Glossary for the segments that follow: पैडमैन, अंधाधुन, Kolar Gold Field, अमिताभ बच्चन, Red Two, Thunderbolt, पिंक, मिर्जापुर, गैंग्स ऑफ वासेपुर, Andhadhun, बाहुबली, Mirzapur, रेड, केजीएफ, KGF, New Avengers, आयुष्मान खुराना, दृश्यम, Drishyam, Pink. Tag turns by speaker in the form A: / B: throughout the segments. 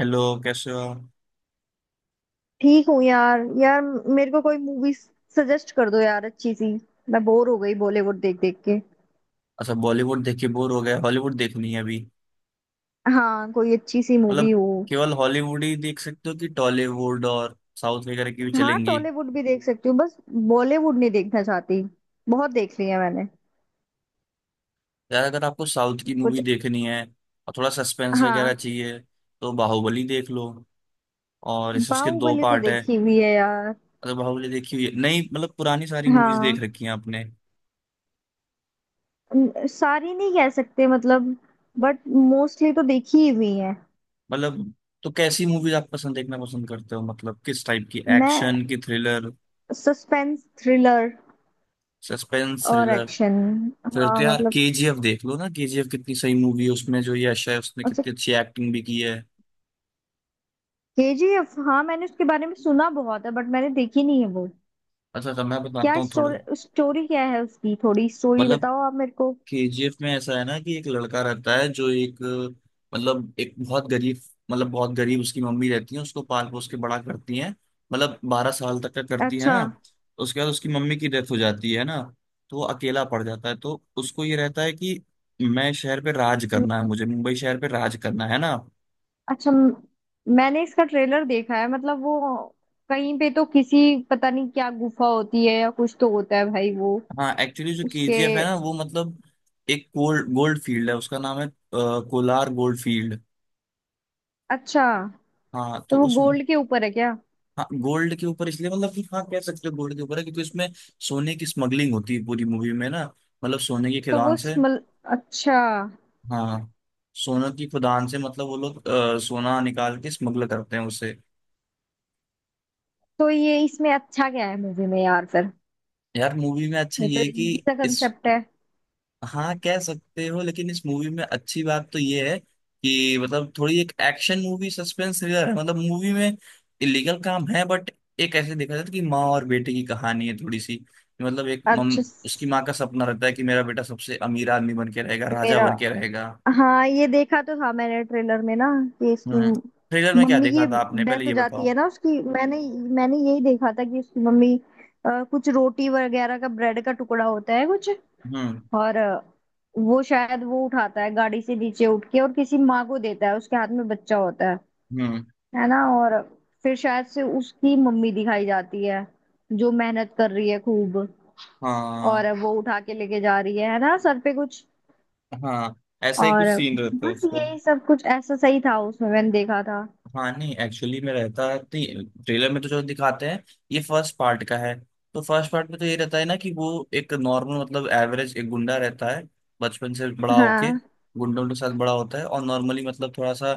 A: Hello, कैसे हो आप?
B: ठीक हूँ यार यार। मेरे को कोई मूवी सजेस्ट कर दो यार, अच्छी सी। मैं बोर हो गई बॉलीवुड देख देख के।
A: अच्छा, बॉलीवुड देख के बोर हो गया। हॉलीवुड देखनी है अभी।
B: हाँ, कोई अच्छी सी मूवी
A: मतलब
B: हो।
A: केवल हॉलीवुड ही देख सकते हो कि टॉलीवुड और साउथ वगैरह की भी
B: हाँ,
A: चलेंगी?
B: टॉलीवुड भी देख सकती हूँ, बस बॉलीवुड नहीं देखना चाहती, बहुत देख लिया मैंने।
A: यार, अगर आपको साउथ की मूवी
B: कुछ
A: देखनी है और थोड़ा सस्पेंस वगैरह
B: हाँ,
A: चाहिए तो बाहुबली देख लो। और इस उसके दो
B: बाहुबली तो
A: पार्ट है।
B: देखी हुई है यार।
A: मतलब बाहुबली देखी हुई है? नहीं मतलब पुरानी सारी मूवीज देख
B: हाँ,
A: रखी हैं आपने?
B: सारी नहीं कह सकते, मतलब बट मोस्टली तो देखी ही हुई है।
A: मतलब। तो कैसी मूवीज आप पसंद देखना पसंद करते हो, मतलब किस टाइप की,
B: मैं
A: एक्शन, की थ्रिलर?
B: Suspense, thriller
A: suspense.
B: और एक्शन।
A: फिर तो
B: हाँ,
A: यार
B: मतलब
A: केजीएफ देख लो ना। केजीएफ कितनी सही मूवी है, उसमें जो यश है उसने
B: अच्छा,
A: कितनी अच्छी एक्टिंग भी की है।
B: केजीएफ, हाँ मैंने उसके बारे में सुना बहुत है, बट मैंने देखी नहीं है वो।
A: अच्छा, तो मैं
B: क्या
A: बताता हूँ थोड़ा।
B: स्टोरी, स्टोरी क्या है उसकी? थोड़ी स्टोरी
A: मतलब
B: बताओ आप मेरे को।
A: केजीएफ में ऐसा है ना कि एक लड़का रहता है जो एक, मतलब एक बहुत गरीब। मतलब बहुत गरीब, उसकी मम्मी रहती है, उसको पाल पोस के बड़ा करती है। मतलब 12 साल तक का करती है
B: अच्छा
A: ना। उसके बाद उसकी मम्मी की डेथ हो जाती है ना। तो वो अकेला पड़ जाता है, तो उसको ये रहता है कि मैं शहर पे राज
B: म-
A: करना है, मुझे मुंबई शहर पे राज करना है ना।
B: अच्छा म- मैंने इसका ट्रेलर देखा है, मतलब वो कहीं पे तो किसी, पता नहीं क्या गुफा होती है या कुछ तो होता है भाई वो।
A: हाँ एक्चुअली जो
B: उसके
A: केजीएफ है ना वो मतलब एक गोल्ड गोल्ड फील्ड है, उसका नाम है कोलार गोल्ड फील्ड।
B: अच्छा,
A: हाँ तो
B: तो वो
A: उस,
B: गोल्ड के ऊपर है क्या?
A: हाँ गोल्ड के ऊपर, इसलिए मतलब कि हाँ कह सकते हो गोल्ड के ऊपर है क्योंकि उसमें सोने की स्मगलिंग होती है पूरी मूवी में ना। मतलब सोने की
B: तो
A: खदान
B: वो
A: से।
B: स्मल अच्छा,
A: हाँ, सोने की खदान से, मतलब वो लोग सोना निकाल के स्मगल करते हैं उसे।
B: तो ये इसमें अच्छा क्या है मूवी में यार फिर?
A: यार मूवी में अच्छा
B: ये तो
A: ये है कि,
B: इजी सा
A: इस
B: कंसेप्ट है।
A: हाँ कह सकते हो, लेकिन इस मूवी में अच्छी बात तो ये है कि मतलब थोड़ी एक एक्शन मूवी, सस्पेंस थ्रिलर है। मतलब मूवी में इलीगल काम है बट एक ऐसे देखा जाता है कि माँ और बेटे की कहानी है थोड़ी सी। मतलब एक मम
B: अच्छा
A: उसकी
B: स-
A: माँ का सपना रहता है कि मेरा बेटा सबसे अमीर आदमी बन के रहेगा, राजा
B: मेरा,
A: बन के रहेगा।
B: हाँ ये देखा तो था मैंने ट्रेलर में ना, कि इसकी
A: हम्म। थ्रिलर में क्या
B: मम्मी की
A: देखा था आपने पहले,
B: डेथ हो
A: ये
B: जाती है
A: बताओ।
B: ना उसकी। मैंने मैंने यही देखा था कि उसकी मम्मी कुछ रोटी वगैरह का, ब्रेड का टुकड़ा होता है कुछ,
A: हम्म।
B: और वो शायद, वो उठाता है गाड़ी से नीचे उठ के और किसी माँ को देता है, उसके हाथ में बच्चा होता है
A: हम्म।
B: है ना। और फिर शायद से उसकी मम्मी दिखाई जाती है जो मेहनत कर रही है खूब,
A: हाँ।
B: और वो उठा के लेके जा रही है ना, सर पे कुछ।
A: हाँ ऐसा ही
B: और
A: कुछ सीन रहता है
B: बस
A: उसका।
B: यही सब कुछ ऐसा सही था उसमें, मैंने देखा था।
A: हाँ नहीं, एक्चुअली में रहता है, ट्रेलर में तो जो दिखाते हैं ये फर्स्ट पार्ट का है। तो फर्स्ट पार्ट में तो ये रहता है ना कि वो एक नॉर्मल, मतलब एवरेज, एक गुंडा रहता है। बचपन से बड़ा होके
B: हाँ,
A: गुंडों के साथ बड़ा होता है और नॉर्मली मतलब थोड़ा सा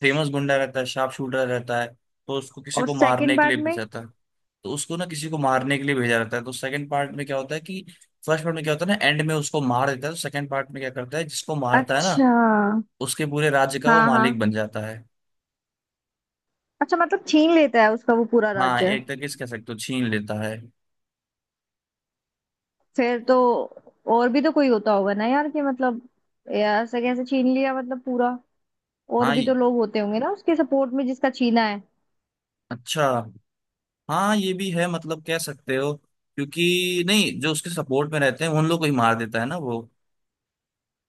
A: फेमस गुंडा रहता है, शार्प शूटर रहता है। तो उसको किसी
B: और
A: को मारने
B: सेकंड
A: के लिए
B: पार्ट में?
A: भेजा जाता है। तो उसको ना किसी को मारने के लिए भेजा जाता है, तो सेकंड पार्ट में क्या होता है कि, फर्स्ट पार्ट में क्या होता है ना, एंड में उसको मार देता है, तो सेकंड पार्ट में क्या करता है जिसको मारता है ना,
B: अच्छा।
A: उसके पूरे राज्य का वो
B: हाँ हाँ,
A: मालिक बन जाता है।
B: अच्छा मतलब छीन लेता है उसका वो पूरा
A: हाँ
B: राज्य।
A: एक तरीके से कह सकते हो छीन लेता है।
B: फिर तो, और भी तो कोई होता होगा ना यार, कि मतलब यार ऐसे कैसे छीन लिया मतलब पूरा? और
A: हाँ
B: भी तो
A: ये-
B: लोग होते होंगे ना उसके सपोर्ट में, जिसका छीना है।
A: अच्छा। हाँ ये भी है, मतलब कह सकते हो, क्योंकि नहीं, जो उसके सपोर्ट में रहते हैं उन लोग को ही मार देता है ना वो।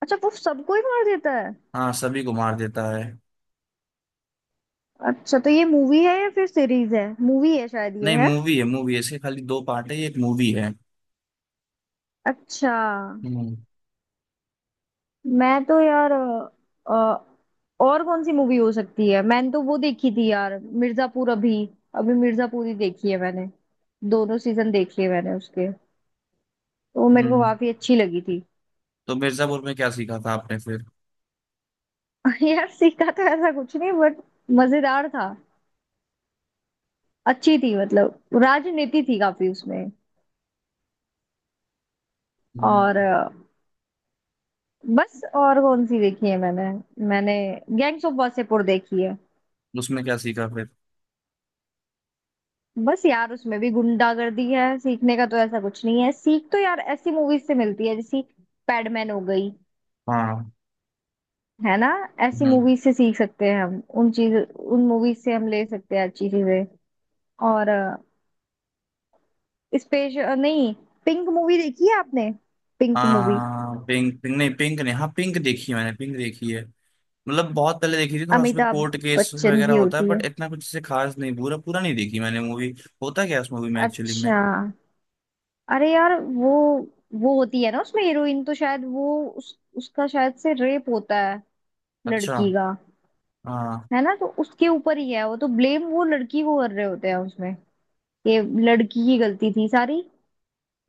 B: अच्छा, वो सबको ही मार देता है।
A: हाँ सभी को मार देता है।
B: अच्छा, तो ये मूवी है या फिर सीरीज है? मूवी है शायद ये
A: नहीं
B: है।
A: मूवी है, मूवी है, इसके खाली दो पार्ट है, ये एक मूवी है।
B: अच्छा।
A: हम्म।
B: मैं तो यार और कौन सी मूवी हो सकती है? मैंने तो वो देखी थी यार, मिर्जापुर। अभी, अभी मिर्जापुर ही देखी है मैंने, दोनों सीजन देख लिए मैंने उसके, तो वो मेरे को
A: हम्म।
B: काफी अच्छी लगी थी।
A: तो मिर्जापुर में क्या सीखा था आपने फिर?
B: यार सीखा तो ऐसा कुछ नहीं, बट मजेदार था, अच्छी थी। मतलब राजनीति थी काफी उसमें, और
A: हम्म।
B: बस और कौन सी देखी है मैंने? मैंने गैंग्स ऑफ वासेपुर देखी है।
A: उसमें क्या सीखा फिर?
B: बस यार उसमें भी गुंडागर्दी है, सीखने का तो ऐसा कुछ नहीं है। सीख तो यार ऐसी मूवीज से मिलती है जैसी पैडमैन हो गई,
A: हाँ।
B: है ना। ऐसी
A: हम्म।
B: मूवीज से सीख सकते हैं हम। उन चीज उन मूवीज से हम ले सकते हैं अच्छी चीजें। और स्पेस नहीं पिंक मूवी देखी है आपने? पिंक मूवी,
A: हाँ पिंक, पिंक नहीं, पिंक नहीं, हाँ पिंक देखी है मैंने, पिंक देखी है। मतलब बहुत पहले देखी थी, थोड़ा उसमें
B: अमिताभ
A: कोर्ट केस
B: बच्चन
A: वगैरह
B: की
A: होता है,
B: होती
A: बट
B: है।
A: इतना कुछ से खास नहीं, पूरा पूरा नहीं देखी मैंने मूवी। होता क्या है उस मूवी में एक्चुअली में?
B: अच्छा, अरे यार वो होती है ना उसमें हीरोइन, तो शायद वो उसका शायद से रेप होता है,
A: अच्छा।
B: लड़की का,
A: हाँ।
B: है ना। तो उसके ऊपर ही है वो तो, ब्लेम वो लड़की को कर रहे होते हैं उसमें, कि लड़की की गलती थी सारी।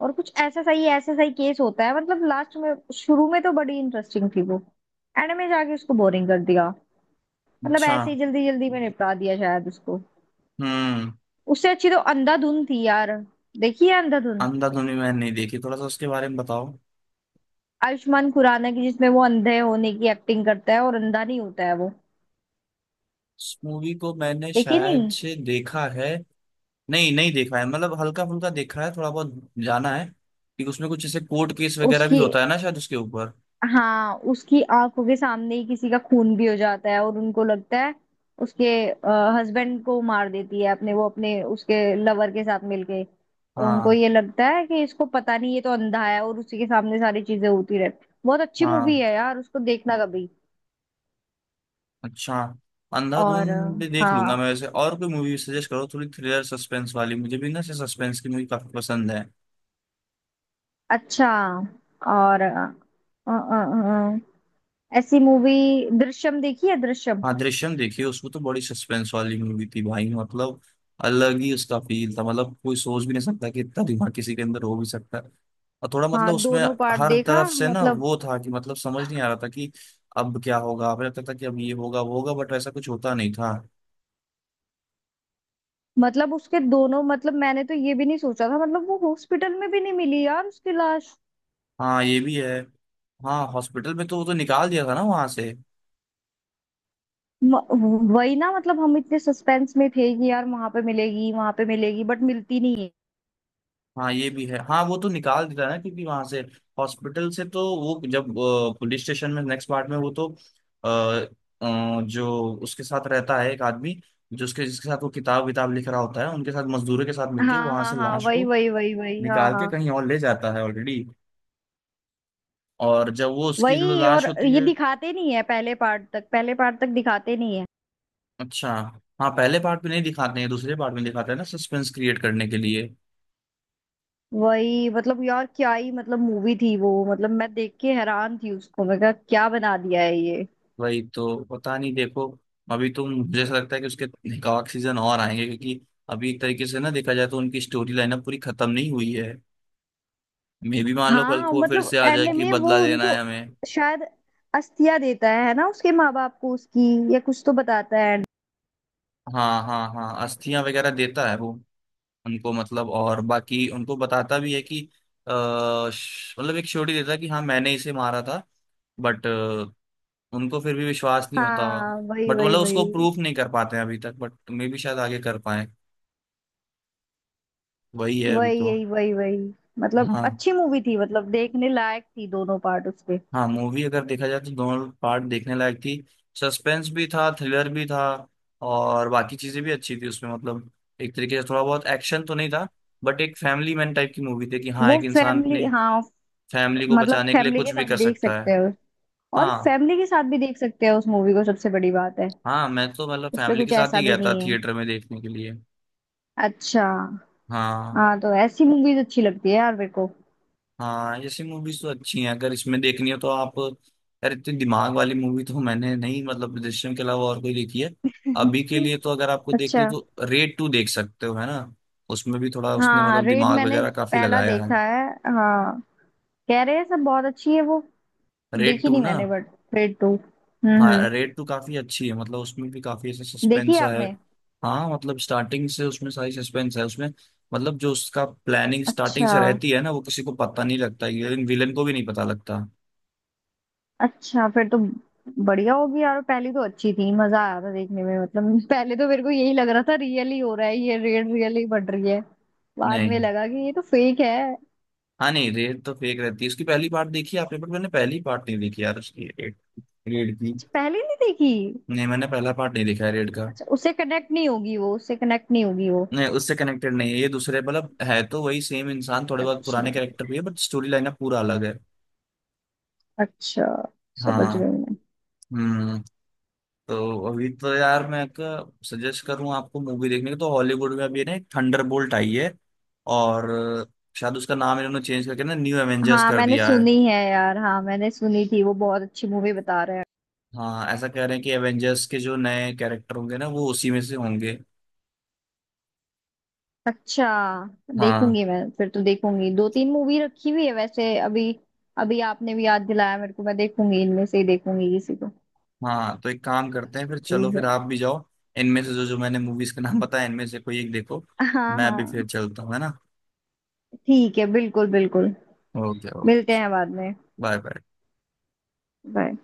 B: और कुछ ऐसा सही, ऐसा सही केस होता है। मतलब लास्ट में, शुरू में तो बड़ी इंटरेस्टिंग थी वो, एंड में जाके उसको बोरिंग कर दिया। मतलब
A: अच्छा।
B: ऐसे ही जल्दी जल्दी में निपटा दिया शायद उसको।
A: हम्म।
B: उससे अच्छी तो अंधाधुन थी यार, देखी है अंधाधुन?
A: अंधाधुन भी मैंने नहीं देखी, थोड़ा सा उसके बारे में बताओ।
B: आयुष्मान खुराना की, जिसमें वो अंधे होने की एक्टिंग करता है और अंधा नहीं होता है वो।
A: इस मूवी को मैंने
B: देखिए
A: शायद
B: नहीं।
A: से देखा है, नहीं नहीं देखा है, मतलब हल्का फुल्का देखा है थोड़ा बहुत। जाना है कि उसमें कुछ जैसे कोर्ट केस वगैरह भी
B: उसकी
A: होता है ना शायद उसके ऊपर।
B: हाँ, उसकी आंखों के सामने ही किसी का खून भी हो जाता है, और उनको लगता है उसके हस्बैंड को मार देती है अपने, वो अपने उसके लवर के साथ मिलके। तो उनको
A: हाँ।
B: ये लगता है कि इसको पता नहीं, ये तो अंधा है, और उसी के सामने सारी चीजें होती रहती। बहुत अच्छी मूवी
A: हाँ।
B: है यार, उसको देखना कभी।
A: अच्छा। अंधाधुन
B: और
A: भी देख लूंगा
B: हाँ,
A: मैं वैसे। और कोई मूवी सजेस्ट करो थोड़ी थ्रिलर सस्पेंस वाली, मुझे भी ना सस्पेंस की मूवी काफी पसंद है।
B: अच्छा और अ, अ, ऐसी मूवी, दृश्यम देखी है? दृश्यम,
A: हाँ दृश्यम देखिए, उसको तो बड़ी सस्पेंस वाली मूवी थी भाई, मतलब अलग ही उसका फील था। मतलब कोई सोच भी नहीं सकता कि इतना दिमाग किसी के अंदर हो भी सकता है। और थोड़ा
B: हाँ
A: मतलब उसमें
B: दोनों पार्ट
A: हर
B: देखा
A: तरफ से ना
B: मतलब।
A: वो था कि मतलब समझ नहीं आ रहा था कि अब क्या होगा। हमें लगता था कि अब ये होगा वो होगा, बट वैसा कुछ होता नहीं था।
B: मतलब उसके दोनों, मतलब मैंने तो ये भी नहीं सोचा था, मतलब वो हॉस्पिटल में भी नहीं मिली यार उसकी लाश।
A: हाँ ये भी है। हाँ हॉस्पिटल में तो वो तो निकाल दिया था ना वहां से।
B: म- वही ना, मतलब हम इतने सस्पेंस में थे कि यार वहां पे मिलेगी वहां पे मिलेगी, बट मिलती नहीं है।
A: हाँ ये भी है। हाँ वो तो निकाल देता है ना क्योंकि वहां से, हॉस्पिटल से तो वो, जब पुलिस स्टेशन में नेक्स्ट पार्ट में वो तो, अ, जो उसके साथ रहता है एक आदमी, जो उसके जिसके साथ वो किताब विताब लिख रहा होता है, उनके साथ, मजदूरों के साथ मिलके
B: हाँ
A: वहां
B: हाँ
A: से
B: हाँ,
A: लाश
B: वही
A: को
B: वही वही वही, हाँ
A: निकाल के
B: हाँ।
A: कहीं और ले जाता है ऑलरेडी। और जब वो उसकी जो
B: वही,
A: लाश
B: और
A: होती
B: ये
A: है,
B: दिखाते नहीं है पहले पार्ट तक, पहले पार्ट तक दिखाते नहीं है।
A: अच्छा, हाँ पहले पार्ट में नहीं दिखाते हैं, दूसरे पार्ट में दिखाते हैं ना, सस्पेंस क्रिएट करने के लिए।
B: वही, मतलब यार क्या ही, मतलब मूवी थी वो। मतलब मैं देख के हैरान थी उसको, मैं कहा क्या बना दिया है ये।
A: वही तो, पता नहीं, देखो, अभी तो मुझे ऐसा लगता है कि उसके कवाक सीजन और आएंगे क्योंकि अभी एक तरीके से ना देखा जाए तो उनकी स्टोरी लाइन अब पूरी खत्म नहीं हुई है। मे भी मान लो कल
B: हाँ,
A: को वो फिर से
B: मतलब
A: आ जाए
B: एंड
A: कि
B: में वो
A: बदला लेना है
B: उनको
A: हमें।
B: शायद अस्थिया देता है ना, उसके माँ बाप को उसकी, या कुछ तो बताता है।
A: हाँ हाँ हाँ, अस्थियां वगैरह देता है वो उनको, मतलब और बाकी उनको बताता भी है कि, मतलब एक श्योरिटी देता है कि हाँ मैंने इसे मारा था, बट उनको फिर भी विश्वास नहीं होता।
B: हाँ वही
A: बट
B: वही
A: मतलब उसको
B: वही
A: प्रूफ नहीं कर पाते हैं अभी तक, बट मे भी शायद आगे कर पाए। वही है अभी
B: वही,
A: तो।
B: यही वही वही। मतलब
A: हाँ।
B: अच्छी मूवी थी, मतलब देखने लायक थी दोनों पार्ट उसके।
A: हाँ मूवी अगर देखा जाए तो दोनों पार्ट देखने लायक थी। सस्पेंस भी था, थ्रिलर भी था, और बाकी चीजें भी अच्छी थी उसमें। मतलब एक तरीके से थोड़ा बहुत एक्शन तो नहीं था, बट एक फैमिली मैन टाइप की मूवी थी कि हाँ
B: वो
A: एक इंसान
B: फैमिली,
A: अपनी
B: हाँ,
A: फैमिली को
B: मतलब
A: बचाने के लिए
B: फैमिली
A: कुछ
B: के
A: भी
B: साथ
A: कर
B: देख
A: सकता
B: सकते
A: है।
B: हो। और
A: हाँ।
B: फैमिली के साथ भी देख सकते हो उस मूवी को, सबसे बड़ी बात है,
A: हाँ मैं तो मतलब
B: उस पे
A: फैमिली के
B: कुछ
A: साथ
B: ऐसा
A: ही
B: भी
A: गया था
B: नहीं है।
A: थिएटर में देखने के लिए।
B: अच्छा।
A: हाँ।
B: हाँ तो ऐसी मूवीज अच्छी लगती है यार मेरे को।
A: हाँ ऐसी मूवीज तो अच्छी हैं। अगर इसमें देखनी हो तो आप, यार इतनी दिमाग वाली मूवी तो मैंने नहीं, मतलब दृश्यम के अलावा और कोई देखी है। अभी के लिए तो, अगर आपको देखनी है
B: अच्छा,
A: तो रेड टू देख सकते हो है ना। उसमें भी थोड़ा उसने
B: हाँ
A: मतलब
B: रेड
A: दिमाग
B: मैंने
A: वगैरह काफी
B: पहला
A: लगाया है।
B: देखा है। हाँ, कह रहे हैं सब बहुत अच्छी है वो,
A: रेड
B: देखी
A: टू
B: नहीं
A: ना।
B: मैंने, बट रेड टू, हम्म,
A: हाँ रेड टू काफी अच्छी है, मतलब उसमें भी काफी ऐसा
B: देखी
A: सस्पेंस
B: है
A: है।
B: आपने?
A: हाँ मतलब स्टार्टिंग से उसमें सारी सस्पेंस है, उसमें मतलब जो उसका प्लानिंग स्टार्टिंग
B: अच्छा,
A: से रहती है ना वो किसी को पता नहीं लगता, विलन को भी नहीं पता लगता।
B: अच्छा फिर तो बढ़िया होगी यार। पहली तो अच्छी थी, मजा आया था देखने में मतलब। पहले तो मेरे को यही लग रहा था रियल ही हो रहा है ये, रेड रियल ही बढ़ रही है, बाद में
A: नहीं।
B: लगा कि ये तो फेक है।
A: हाँ नहीं, रेड तो फेक रहती है उसकी। पहली पार्ट देखी है आपने? बट मैंने पहली पार्ट नहीं देखी यार उसकी, रेड, रेड की।
B: अच्छा, पहले नहीं देखी।
A: नहीं मैंने पहला पार्ट नहीं देखा है रेड का।
B: अच्छा, उससे कनेक्ट नहीं होगी वो, उससे कनेक्ट नहीं होगी वो।
A: नहीं उससे कनेक्टेड नहीं है ये, दूसरे मतलब है तो वही सेम इंसान, थोड़े बहुत
B: अच्छा,
A: पुराने कैरेक्टर भी है, बट स्टोरी लाइन पूरा अलग है।
B: अच्छा, समझ गई
A: हाँ।
B: मैं।
A: हम्म। तो अभी तो यार मैं सजेस्ट करूँ आपको मूवी देखने का तो हॉलीवुड में अभी ना एक थंडरबोल्ट आई है, और शायद उसका नाम इन्होंने चेंज करके ना न्यू एवेंजर्स
B: हाँ
A: कर
B: मैंने
A: दिया है।
B: सुनी है यार, हाँ मैंने सुनी थी वो, बहुत अच्छी मूवी बता रहे हैं।
A: हाँ ऐसा कह रहे हैं कि एवेंजर्स के जो नए कैरेक्टर होंगे ना वो उसी में से होंगे।
B: अच्छा,
A: हाँ।
B: देखूंगी मैं फिर तो। देखूंगी, 2 3 मूवी रखी हुई है वैसे अभी, अभी आपने भी याद दिलाया मेरे को। मैं देखूंगी, इनमें से ही देखूंगी किसी को।
A: हाँ तो एक काम करते हैं
B: अच्छी
A: फिर, चलो
B: मूवीज
A: फिर
B: है।
A: आप भी जाओ, इनमें से जो जो मैंने मूवीज के नाम बताया इनमें से कोई एक देखो।
B: हाँ
A: मैं भी
B: हाँ,
A: फिर चलता हूँ, है ना।
B: ठीक है, बिल्कुल बिल्कुल।
A: Okay, okay.
B: मिलते हैं बाद में,
A: बाय, बाय।
B: बाय।